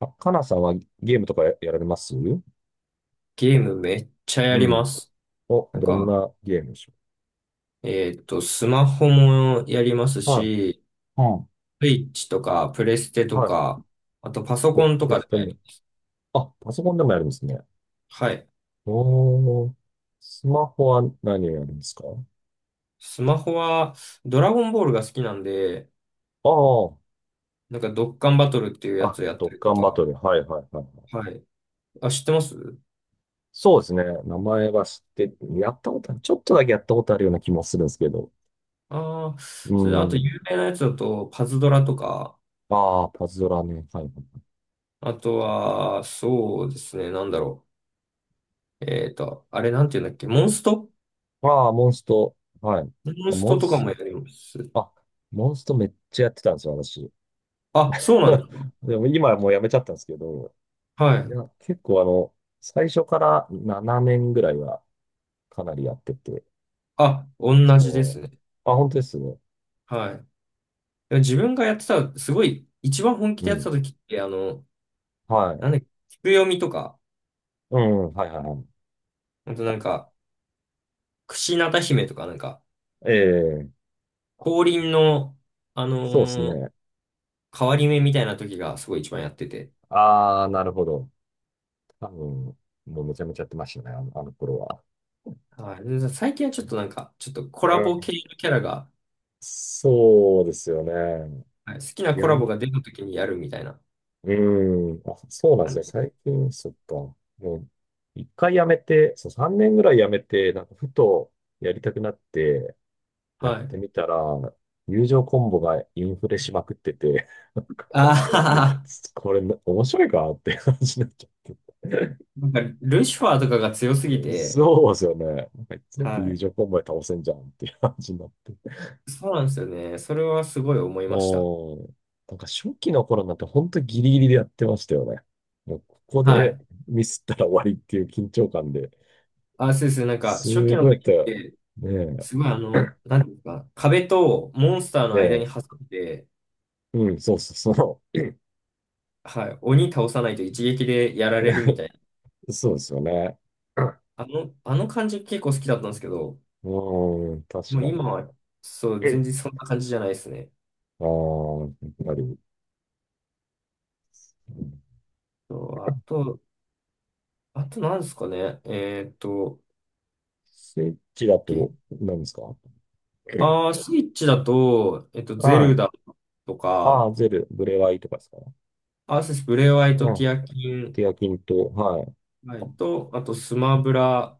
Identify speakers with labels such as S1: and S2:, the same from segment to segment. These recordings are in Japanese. S1: あ、かなさんはゲームとかやられます
S2: ゲームめっちゃやり
S1: ん。
S2: ます。
S1: お、
S2: なん
S1: どん
S2: か、
S1: なゲームでしょ
S2: スマホもやります
S1: う？はい。
S2: し、
S1: うん。い。
S2: スイッチとか、プレステと
S1: はい。
S2: か、あとパソ
S1: お、
S2: コン
S1: プ
S2: と
S1: レ
S2: か
S1: ス
S2: で
S1: テ
S2: もや
S1: も。
S2: る。
S1: あ、パソコンでもやるんですね。
S2: はい。
S1: おー。スマホは何をやるんですか？
S2: スマホは、ドラゴンボールが好きなんで、
S1: ああー。
S2: ドッカンバトルっていうや
S1: あ、
S2: つをやっ
S1: ドッ
S2: たり
S1: カ
S2: と
S1: ンバト
S2: か。
S1: ル。はいはいはい。
S2: はい。あ、知ってます？
S1: そうですね。名前は知って、やったことある。ちょっとだけやったことあるような気もするんですけど。
S2: ああー、
S1: う
S2: それ、あと、
S1: ん。
S2: 有名なやつだと、パズドラとか、
S1: ああ、パズドラね。はい。
S2: あとは、そうですね、なんだろう。えっと、あれ、なんていうんだっけ、モンスト。
S1: ああ、モンスト。はい。
S2: モン
S1: あ
S2: ス
S1: モ
S2: ト
S1: ン
S2: とか
S1: ス、
S2: もやります。
S1: あ、モンストめっちゃやってたんですよ、私。
S2: あ、そうなん だ。
S1: でも今はもうやめちゃったんですけど、
S2: は
S1: い
S2: い。
S1: や、結構最初から7年ぐらいはかなりやってて、
S2: あ、同じで
S1: そ
S2: すね。
S1: う。あ、本当ですね。
S2: はい。で自分がやってた、すごい、一番本気
S1: う
S2: でやって
S1: ん。
S2: た時って、あの、
S1: は
S2: な
S1: い。
S2: んだっけ、菊読みとか、
S1: うん、はいはいはい。
S2: あとなんか、櫛なた姫とか、
S1: ええ、
S2: 降臨の、あ
S1: そうです
S2: のー
S1: ね。
S2: 変わり目みたいな時がすごい一番やってて。
S1: ああ、なるほど。多分、もうめちゃめちゃやってましたね、あの頃は。
S2: はい。で最近はちょっとなんか、ちょっとコ
S1: う
S2: ラ
S1: ん、
S2: ボ系のキャラが、
S1: そうですよね。
S2: はい、好きな
S1: い
S2: コ
S1: や
S2: ラボ
S1: ー、
S2: が出た時にやるみたいな
S1: うーん。あ、そうなんです
S2: 感
S1: ね。
S2: じ。
S1: 最近、そっか。もう、一回やめて、そう、3年ぐらいやめて、なんか、ふとやりたくなって、やっ
S2: はい。
S1: てみたら、友情コンボがインフレしまくってて、なんか
S2: ああ、
S1: これ、面白いかって話になっちゃって。
S2: なんか、ルシファーとかが強すぎて、
S1: そうですよね。なんか全部友
S2: は
S1: 情コンボで倒せんじゃんっていう感じになって。
S2: い。そうなんですよね。それはすごい思いました。
S1: おー、なんか初期の頃なんて本当ギリギリでやってましたよね。もうここ
S2: は
S1: で
S2: い。
S1: ミスったら終わりっていう緊張感で、
S2: あ、そうですね、なんか、
S1: す
S2: 初期
S1: ご
S2: の
S1: いやっ
S2: 時
S1: た
S2: っ
S1: よ。
S2: て、
S1: ね
S2: すごい、あ
S1: え、
S2: の、なんていうんですか、壁とモンスターの
S1: ね
S2: 間に
S1: え、
S2: 挟んで、
S1: うん、そうそうそ
S2: はい、鬼倒さないと一撃でやられるみたいな。
S1: う。そうですよね。
S2: あの、あの感じ結構好きだったんですけど、
S1: うん、確
S2: もう
S1: か
S2: 今
S1: に。
S2: は、そう、
S1: う
S2: 全
S1: ん、
S2: 然そんな感じじゃないですね。
S1: ああ、やっぱり。
S2: そうあと、あと何ですかね。えーっと、
S1: スイッチだ
S2: え
S1: と何ですか？うん、
S2: あー、スイッチだと、ゼ
S1: は
S2: ル
S1: い。
S2: ダと
S1: あ
S2: か、
S1: あ、ゼル、ブレワイとかですか？
S2: アースブレワイ
S1: う
S2: ト、ティ
S1: ん。
S2: アキン、
S1: ケヤキンと、はい。
S2: はい、と、あと、スマブラ、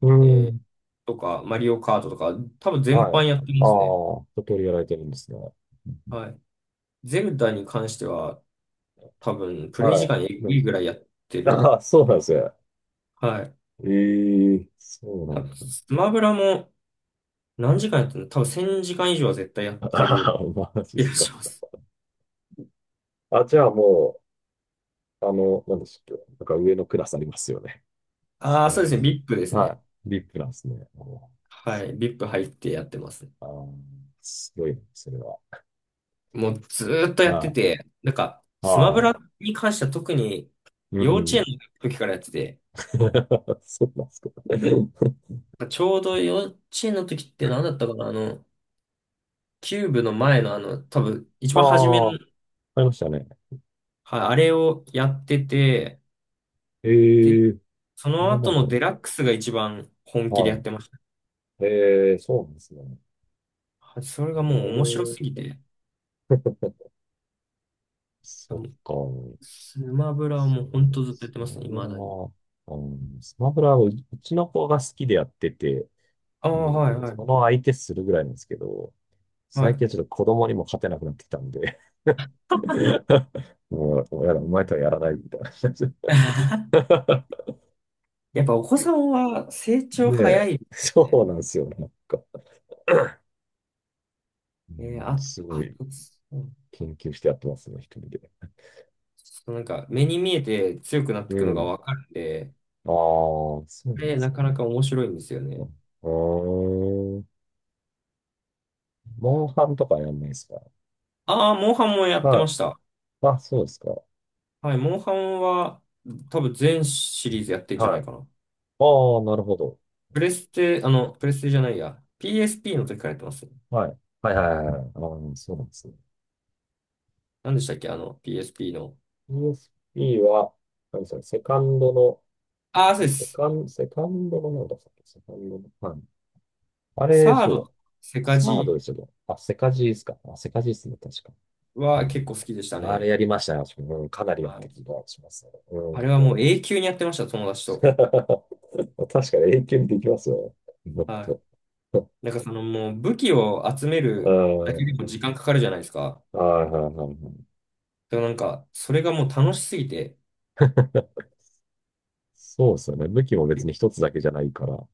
S1: う
S2: えー
S1: ん。
S2: とか、マリオカートとか、多分全
S1: は
S2: 般
S1: い。
S2: やって
S1: あ
S2: ま
S1: あ、
S2: すね。
S1: 一通りやられてるんですね。うん、
S2: はい。ゼルダに関しては、多分、プレイ時
S1: は
S2: 間え
S1: い。
S2: ぐ
S1: ね、
S2: いぐらいやってる。
S1: あ、 あ、そうなんですよ。
S2: はい。
S1: ええ、そうな
S2: あ、
S1: んだ。
S2: スマブラも何時間やってるの？多分1000時間以上は絶対やっ て
S1: あ
S2: る
S1: あ、マジっ
S2: 気
S1: す
S2: が
S1: か。
S2: します。
S1: あ、じゃあもう、なんでしたっけ。なんか上のクラスありますよね。ス
S2: ああ、
S1: マホ
S2: そうですね。VIP です
S1: の。は
S2: ね。
S1: い。リップなんですね。お、
S2: はい。VIP 入ってやってます。
S1: あー、すごいな、それは。
S2: もうずーっとやって
S1: は
S2: て、なんか、
S1: い。
S2: スマブ
S1: は
S2: ラに関しては特に
S1: い。う
S2: 幼稚園
S1: ん。
S2: の時からやってて、
S1: そうなんですか。
S2: なんかちょうど幼稚園の時って何だったかな、あの、キューブの前のあの、多分、一
S1: あ
S2: 番初めの、
S1: あ、ありましたね。
S2: はい、あれをやってて、
S1: え
S2: で、
S1: え、
S2: その
S1: 今な
S2: 後
S1: のか
S2: のデラックスが一番本
S1: な。
S2: 気で
S1: は
S2: やって
S1: い。
S2: ました。
S1: ええ、そうなんですね。
S2: はい、それがもう面白す
S1: お
S2: ぎ
S1: ー、
S2: て、
S1: そっ
S2: もう
S1: か。
S2: スマブラは
S1: そ
S2: もう本
S1: う
S2: 当
S1: で
S2: ずっとや
S1: す、
S2: って
S1: ス
S2: ま
S1: マ
S2: すね、
S1: ブラ
S2: 未だに。
S1: は、うん、スマブラはうちの子が好きでやってて、
S2: ああ、
S1: もう、
S2: はい、は
S1: そ
S2: い、
S1: の相手するぐらいなんですけど、
S2: は
S1: 最近
S2: い。
S1: はちょっと子供にも勝てなくなってきたんで、もうやだ、お前とはやらないみたいな感じ
S2: やっぱお子
S1: で。
S2: さんは成長早
S1: で、
S2: いで
S1: そ
S2: す
S1: う
S2: ね。
S1: なんですよ、なんか。う
S2: えー
S1: ん、
S2: あ、
S1: すご
S2: あ
S1: い
S2: と、そう、
S1: 研究してやってますね、一人で。
S2: ちょっとなんか目に見えて強くなって
S1: う
S2: くのが
S1: ん。
S2: わかるんで、
S1: ああ、そうなん
S2: で、
S1: です
S2: な
S1: ね。
S2: かなか面白いんですよね。
S1: うーん。モンハンとかやんないですか？
S2: ああ、モンハンもやってま
S1: ま
S2: した。
S1: あ、あ、そうですか。
S2: はい、モンハンは多分全シリーズやってんじゃな
S1: は
S2: い
S1: い。
S2: かな。
S1: ああ、なるほど。
S2: プレステ、あの、プレステじゃないや。PSP の時からやってますね。
S1: はい。はいはいはいはい。ああ、そうなんですね。
S2: 何でしたっけ、あの、PSP の。
S1: USP は、何ですか、セカンドの、
S2: ああ、そうです。
S1: セカンドのなんだったっけ、セカンドの。はい。あれ、
S2: サード、
S1: そう。
S2: セカ
S1: サード
S2: ジ
S1: ですよね。あ、セカジーですか。あ、セカジーですね、確か。う
S2: は結構
S1: ん、
S2: 好きでした
S1: あれ
S2: ね。
S1: やりましたよ。私も、うん、かなりやっ
S2: は
S1: て
S2: い。
S1: きた気がしますね。う
S2: あれ
S1: ん。
S2: はもう永久にやってました、友達 と。
S1: 確かに永久にできますよ。もっ
S2: はい。
S1: と。
S2: なんかそのもう武器を集めるだ
S1: う
S2: けで
S1: ん。
S2: も時間かかるじゃないですか。
S1: はいはいはいは
S2: でもなんか、それがもう楽しすぎて、
S1: い。そうですよね。武器も別に一つだけじゃないから、も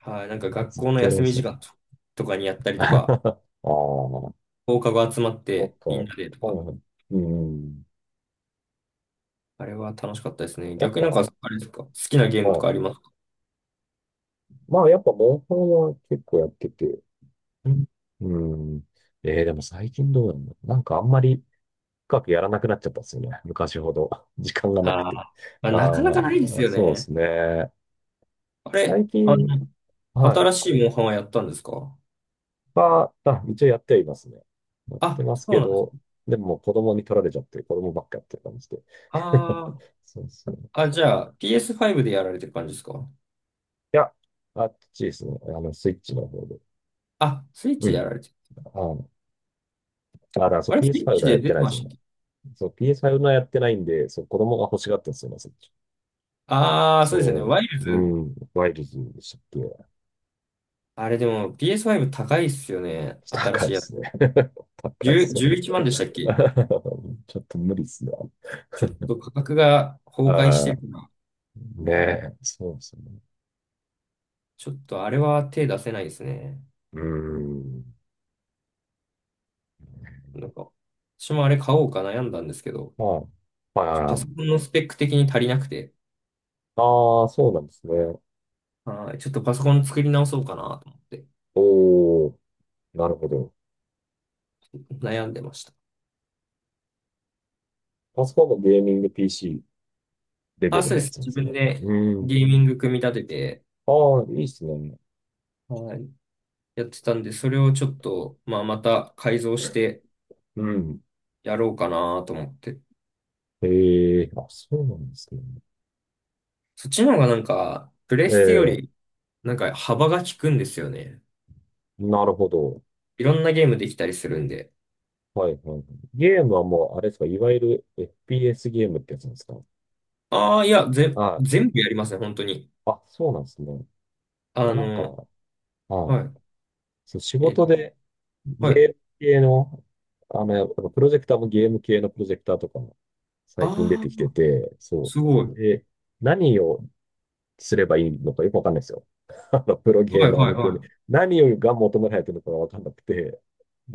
S2: はい、なんか
S1: う
S2: 学
S1: ずっ
S2: 校の
S1: とやり
S2: 休
S1: ま
S2: み
S1: すよ
S2: 時
S1: ね。
S2: 間ととかにやった りと
S1: あ
S2: か、
S1: あ、
S2: 放課後集まっ
S1: なん
S2: て
S1: か、
S2: みん
S1: は
S2: なでとか。
S1: い、うん。
S2: あれは楽しかったですね。
S1: やっ
S2: 逆になんか、
S1: ぱ、
S2: あれですか、好きなゲー
S1: ま
S2: ムと
S1: あ、
S2: かありますか？
S1: まあ、やっぱ、モンハンは結構やってて、
S2: うん、
S1: うん。えー、でも最近どうなんだろう。なんかあんまり深くやらなくなっちゃったんですよね。昔ほど。時間がなく
S2: あー、
S1: て。
S2: まあ、なかなかないです
S1: ああ、
S2: よ
S1: そうで
S2: ね。
S1: すね。
S2: あれ、
S1: 最
S2: あ
S1: 近、
S2: の、
S1: はい。
S2: 新しいモンハンはやったんですか？
S1: あ、一応やってはいますね。やって
S2: あ、
S1: ます
S2: そ
S1: け
S2: うなんで
S1: ど、
S2: す。
S1: でももう子供に取られちゃって、子供ばっかやってる感じで。
S2: あ
S1: そうそう。い
S2: あ、あ、じゃあ PS5 でやられてる感じですか？
S1: や、あっちですね。あの、スイッチの方で。
S2: あ、スイッ
S1: う
S2: チでや
S1: ん。
S2: られてる。
S1: あの、あ、だからそう
S2: あれ、スイッチ
S1: PS5 は
S2: で
S1: やっ
S2: 出
S1: てな
S2: て
S1: いで
S2: ま
S1: す
S2: したっ
S1: ね。
S2: け？
S1: そう、PS5 のはやってないんで、そう、子供が欲しがってるんですよね、スイッチ。
S2: ああー、そうですよね。
S1: そ
S2: ワイル
S1: う、
S2: ズ。
S1: うん、ワイルズでしたっけ？
S2: あれでも PS5 高いっすよね。新
S1: 高
S2: し
S1: いっ
S2: いやつ。
S1: すね。高いっ
S2: 10、
S1: すよ、
S2: 11
S1: 本当
S2: 万でしたっけ？
S1: に。 ちょっと無理っすね。
S2: ちょっと価格が崩壊し
S1: あ
S2: て
S1: あ、
S2: るな。
S1: ねえ、そうですね。
S2: ちょっとあれは手出せないですね。
S1: うん。
S2: なんか、私もあれ買おうか悩んだんですけど、
S1: はい。はいはい
S2: パ
S1: は
S2: ソ
S1: い。
S2: コンのスペック的に足りなくて、
S1: ああ、そうなんですね。
S2: はい、ちょっとパソコン作り直そうかなと思って
S1: おー、なるほど。
S2: 悩んでました。
S1: パソコンもゲーミング PC レベ
S2: あ、
S1: ル
S2: そう
S1: の
S2: で
S1: や
S2: す。
S1: つなん
S2: 自
S1: ですね。
S2: 分で
S1: うん。
S2: ゲーミング組み立てて、
S1: ああ、いいっすね。
S2: はい、やってたんで、それをちょっと、まあ、また改造して
S1: うん。
S2: やろうかなと思って。
S1: ええ、あ、そうなんですね。
S2: そっちの方がなんか、プレステよ
S1: え
S2: り、
S1: え、
S2: なんか幅が利くんですよね。
S1: なるほど。
S2: いろんなゲームできたりするんで。
S1: はいはいはい。ゲームはもう、あれですか、いわゆる FPS ゲームってやつなんですか。
S2: ああ、
S1: はい。
S2: 全部やりますね、本当に。
S1: あ、そうなんですね。いや、
S2: あ
S1: なんか、
S2: の、
S1: はい。
S2: は
S1: そう、仕
S2: い。えっと、
S1: 事でゲ
S2: はい。
S1: ーム系の、やっぱプロジェクターもゲーム系のプロジェクターとかも
S2: あ
S1: 最近出
S2: あ。
S1: てきてて、そ
S2: すご
S1: う。
S2: い。
S1: で、何をすればいいのかよくわかんないですよ。あの、プロゲ
S2: は
S1: ー
S2: い
S1: マー
S2: はい
S1: 向け
S2: は
S1: に。
S2: い。
S1: 何をが求められてるのかがわかんなくて。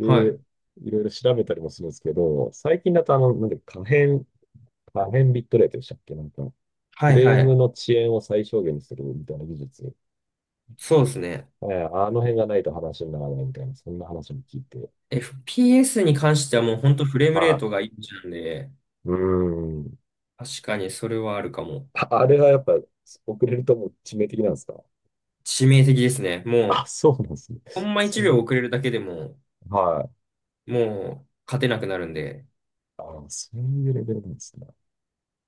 S2: はい。
S1: いろいろ調べたりもするんですけど、最近だとなんで可変ビットレートでしたっけ、なんか、フ
S2: はい
S1: レー
S2: はい。
S1: ムの遅延を最小限にするみたいな技術。
S2: そうですね。
S1: えー、あの辺がないと話にならないみたいな、そんな話も聞いて。
S2: FPS に関しては
S1: え、
S2: もう本当フレームレー
S1: は
S2: トがいいんで、
S1: い。うーん。
S2: 確かにそれはあるかも。
S1: あ、あれがやっぱ遅れるともう致命的なんですか？
S2: 致命的ですね。
S1: あ、
S2: も
S1: そうなんですね。
S2: う、ほんま
S1: そ
S2: 1秒
S1: う、
S2: 遅れるだけでも、
S1: はい。
S2: もう勝てなくなるんで。
S1: あ、そういうレベルなんですね。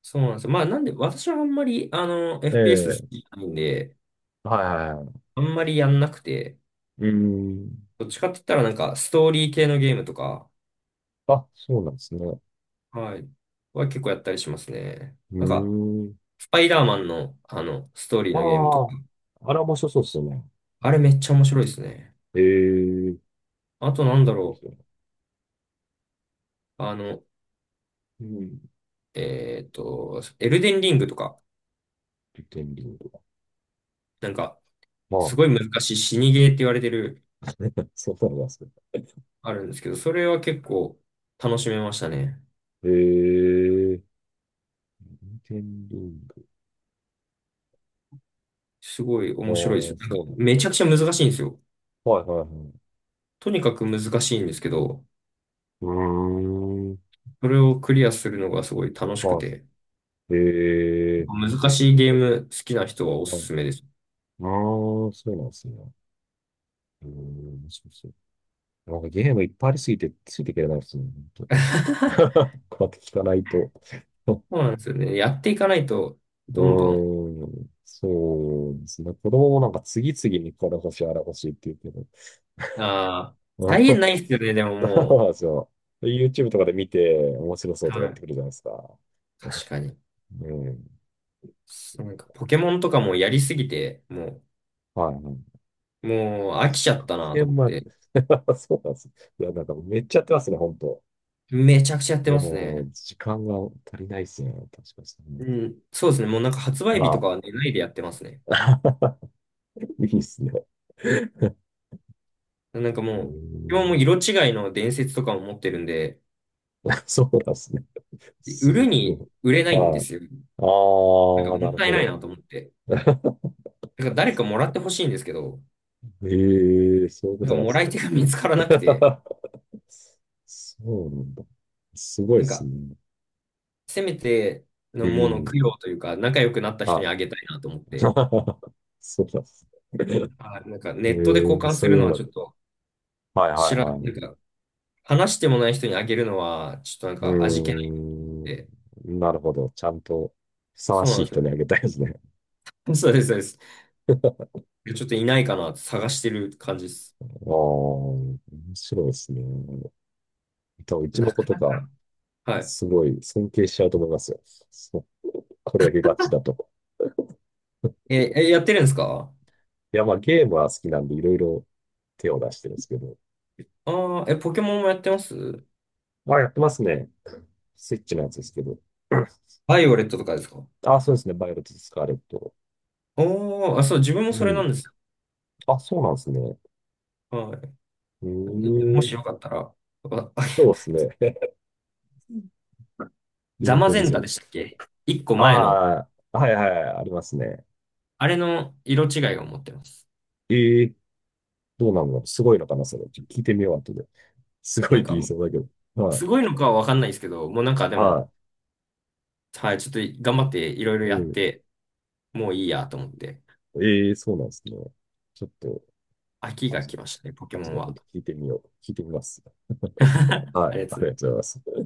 S2: そうなんですよ。まあなんで、私はあんまり、あの、
S1: え
S2: FPS
S1: え、
S2: 好きじゃないんで、
S1: はいはいはい。
S2: あんまりやんなくて、
S1: うーん。
S2: どっちかって言ったらなんかストーリー系のゲームとか、
S1: あ、そうなんですね。
S2: はい、は結構やったりしますね。
S1: うー
S2: なんか、
S1: ん。
S2: スパイダーマンの、あの、ストーリーのゲームと
S1: あ
S2: か、
S1: あ、あれは面白そうですよね。
S2: あれめっちゃ面白いですね。
S1: ええ、いい
S2: あとなんだ
S1: で
S2: ろ
S1: すよね。
S2: う。
S1: うん。
S2: エルデンリングとか、
S1: リテンリング。
S2: なんか、
S1: ま
S2: す
S1: あ、
S2: ごい難しい死にゲーって言われてる、
S1: そうなんですね。
S2: あるんですけど、それは結構楽しめましたね。
S1: ええ、リテンリング。
S2: すごい
S1: あ
S2: 面白いですよ。
S1: あ、
S2: なんか、
S1: そうなんだ。
S2: めちゃくちゃ難しいんですよ。
S1: はいはいはい。
S2: とにかく難しいんですけど、
S1: うーん。
S2: それをクリアするのがすごい楽しく
S1: は
S2: て、
S1: い。ええ、面
S2: 難
S1: 白そ
S2: しいゲーム好きな人はお
S1: う。
S2: す
S1: はい、
S2: すめです。
S1: ああ、そうなんですね。ええ、面白そう。なんかゲームいっぱいありすぎて、ついていけないですね。本 当、 こうやって聞かないと。う
S2: そうなんですよね。やっていかないと、どんどん、
S1: ーん、そうですね。子供もなんか次々にこれ欲しい、あれ欲しいって言うけど。
S2: ああ、
S1: うん、
S2: 再現ないですよね、でも
S1: そうなん
S2: も
S1: ですよ。で YouTube とかで見て面白そう
S2: う。
S1: とか
S2: は
S1: 言って
S2: い。
S1: くるじゃないですか。
S2: 確かに。
S1: うん。
S2: そうなんかポケモンとかもやりすぎて、
S1: はい、はい。
S2: もう飽き
S1: そ
S2: ちゃっ
S1: っか。
S2: たな
S1: ゲ
S2: と
S1: ー
S2: 思っ
S1: ムは、
S2: て、
S1: そうなんです。いや、なんかめっちゃやってますね、本当。
S2: めちゃくちゃやってます
S1: も
S2: ね。
S1: う、時間が足りないですね。確かに。
S2: うん、そうですね。もうなんか発売日と
S1: あ
S2: かは寝ないでやってますね。
S1: あ、いいですね。う
S2: なんか
S1: ー
S2: もう、今も
S1: ん、
S2: 色違いの伝説とかも持ってるんで、
S1: そうなんですね。
S2: 売
S1: す
S2: る
S1: ご
S2: に
S1: い。
S2: 売れないんで
S1: はい。
S2: すよ。なんか
S1: あ
S2: も
S1: あ、な
S2: っ
S1: る
S2: たいない
S1: ほ
S2: なと思って。
S1: ど。
S2: なんか誰かもらってほしいんですけど、
S1: ええ、そういうこ
S2: なんか
S1: となんで
S2: も
S1: す
S2: らい
S1: ね。
S2: 手が見つからなくて、
S1: そうなんだ。すごいで
S2: なん
S1: す
S2: か
S1: ね。
S2: せめて
S1: う
S2: のものを
S1: ん。
S2: 供養というか、仲良くなった人
S1: は
S2: に
S1: い。
S2: あげたいなと思って、
S1: そうなんですね。
S2: あ、なんかネ
S1: え
S2: ットで交
S1: え、
S2: 換す
S1: そう
S2: る
S1: いう
S2: の
S1: も
S2: は
S1: の
S2: ちょっ
S1: だ。
S2: と、
S1: はいはい
S2: 知ら
S1: は
S2: なん
S1: い。
S2: か話してもない人にあげるのは、ちょっとなん
S1: う
S2: か味気ないん
S1: ー
S2: で。
S1: ん。なるほど。ちゃんと、ふさわ
S2: そうなん
S1: しい
S2: です
S1: 人
S2: よ。
S1: にあげたいですね。
S2: そうです、そうです。ちょっといないかなって探してる感じです。
S1: ああ、面白いですね。多分、うちの
S2: な
S1: 子
S2: か、
S1: とか、
S2: はい。
S1: すごい尊敬しちゃうと思いますよ。そう、これだけガチだと。
S2: え、え、やってるんですか？
S1: いや、まあ、ゲームは好きなんで、いろいろ手を出してるんですけど。
S2: ああー、え、ポケモンもやってます？
S1: あ、やってますね。スイッチのやつですけど。
S2: バイオレットとかですか？
S1: あ、そうですね。バイオレット・スカーレット。
S2: おー、あ、そう、自分も
S1: う
S2: それな
S1: ん。
S2: んですよ。
S1: あ、そうなんですね。
S2: はい。
S1: う
S2: も
S1: ーん。
S2: しよかったら、あ、あ、
S1: そうですね。喜
S2: ザマゼ
S1: び
S2: ン
S1: そ
S2: タ
S1: う
S2: で
S1: です。
S2: したっけ、一個前の、
S1: ああ、はいはい、ありますね。
S2: あれの色違いを持ってます。
S1: ええ、どうなんだろう、すごいのかなそれ。ちょっと聞いてみよう、後で。すごい
S2: な
S1: っ
S2: ん
S1: て
S2: か、
S1: 言いそうだけど。は
S2: す
S1: い。
S2: ごいのかはわかんないですけど、もうなんかでも、
S1: は
S2: はい、ちょっと頑張っていろいろ
S1: い。
S2: やっ
S1: え、
S2: て、もういいやと思って。
S1: ええー、そうなんですね。ちょっと、
S2: 秋が
S1: 後
S2: 来
S1: で、
S2: ましたね、ポケ
S1: 後
S2: モン
S1: で本
S2: は。
S1: 当聞いてみよう。聞いてみます。は
S2: あ
S1: い。
S2: りが
S1: あ
S2: とうござい
S1: り
S2: ま
S1: が
S2: す。
S1: とうございます。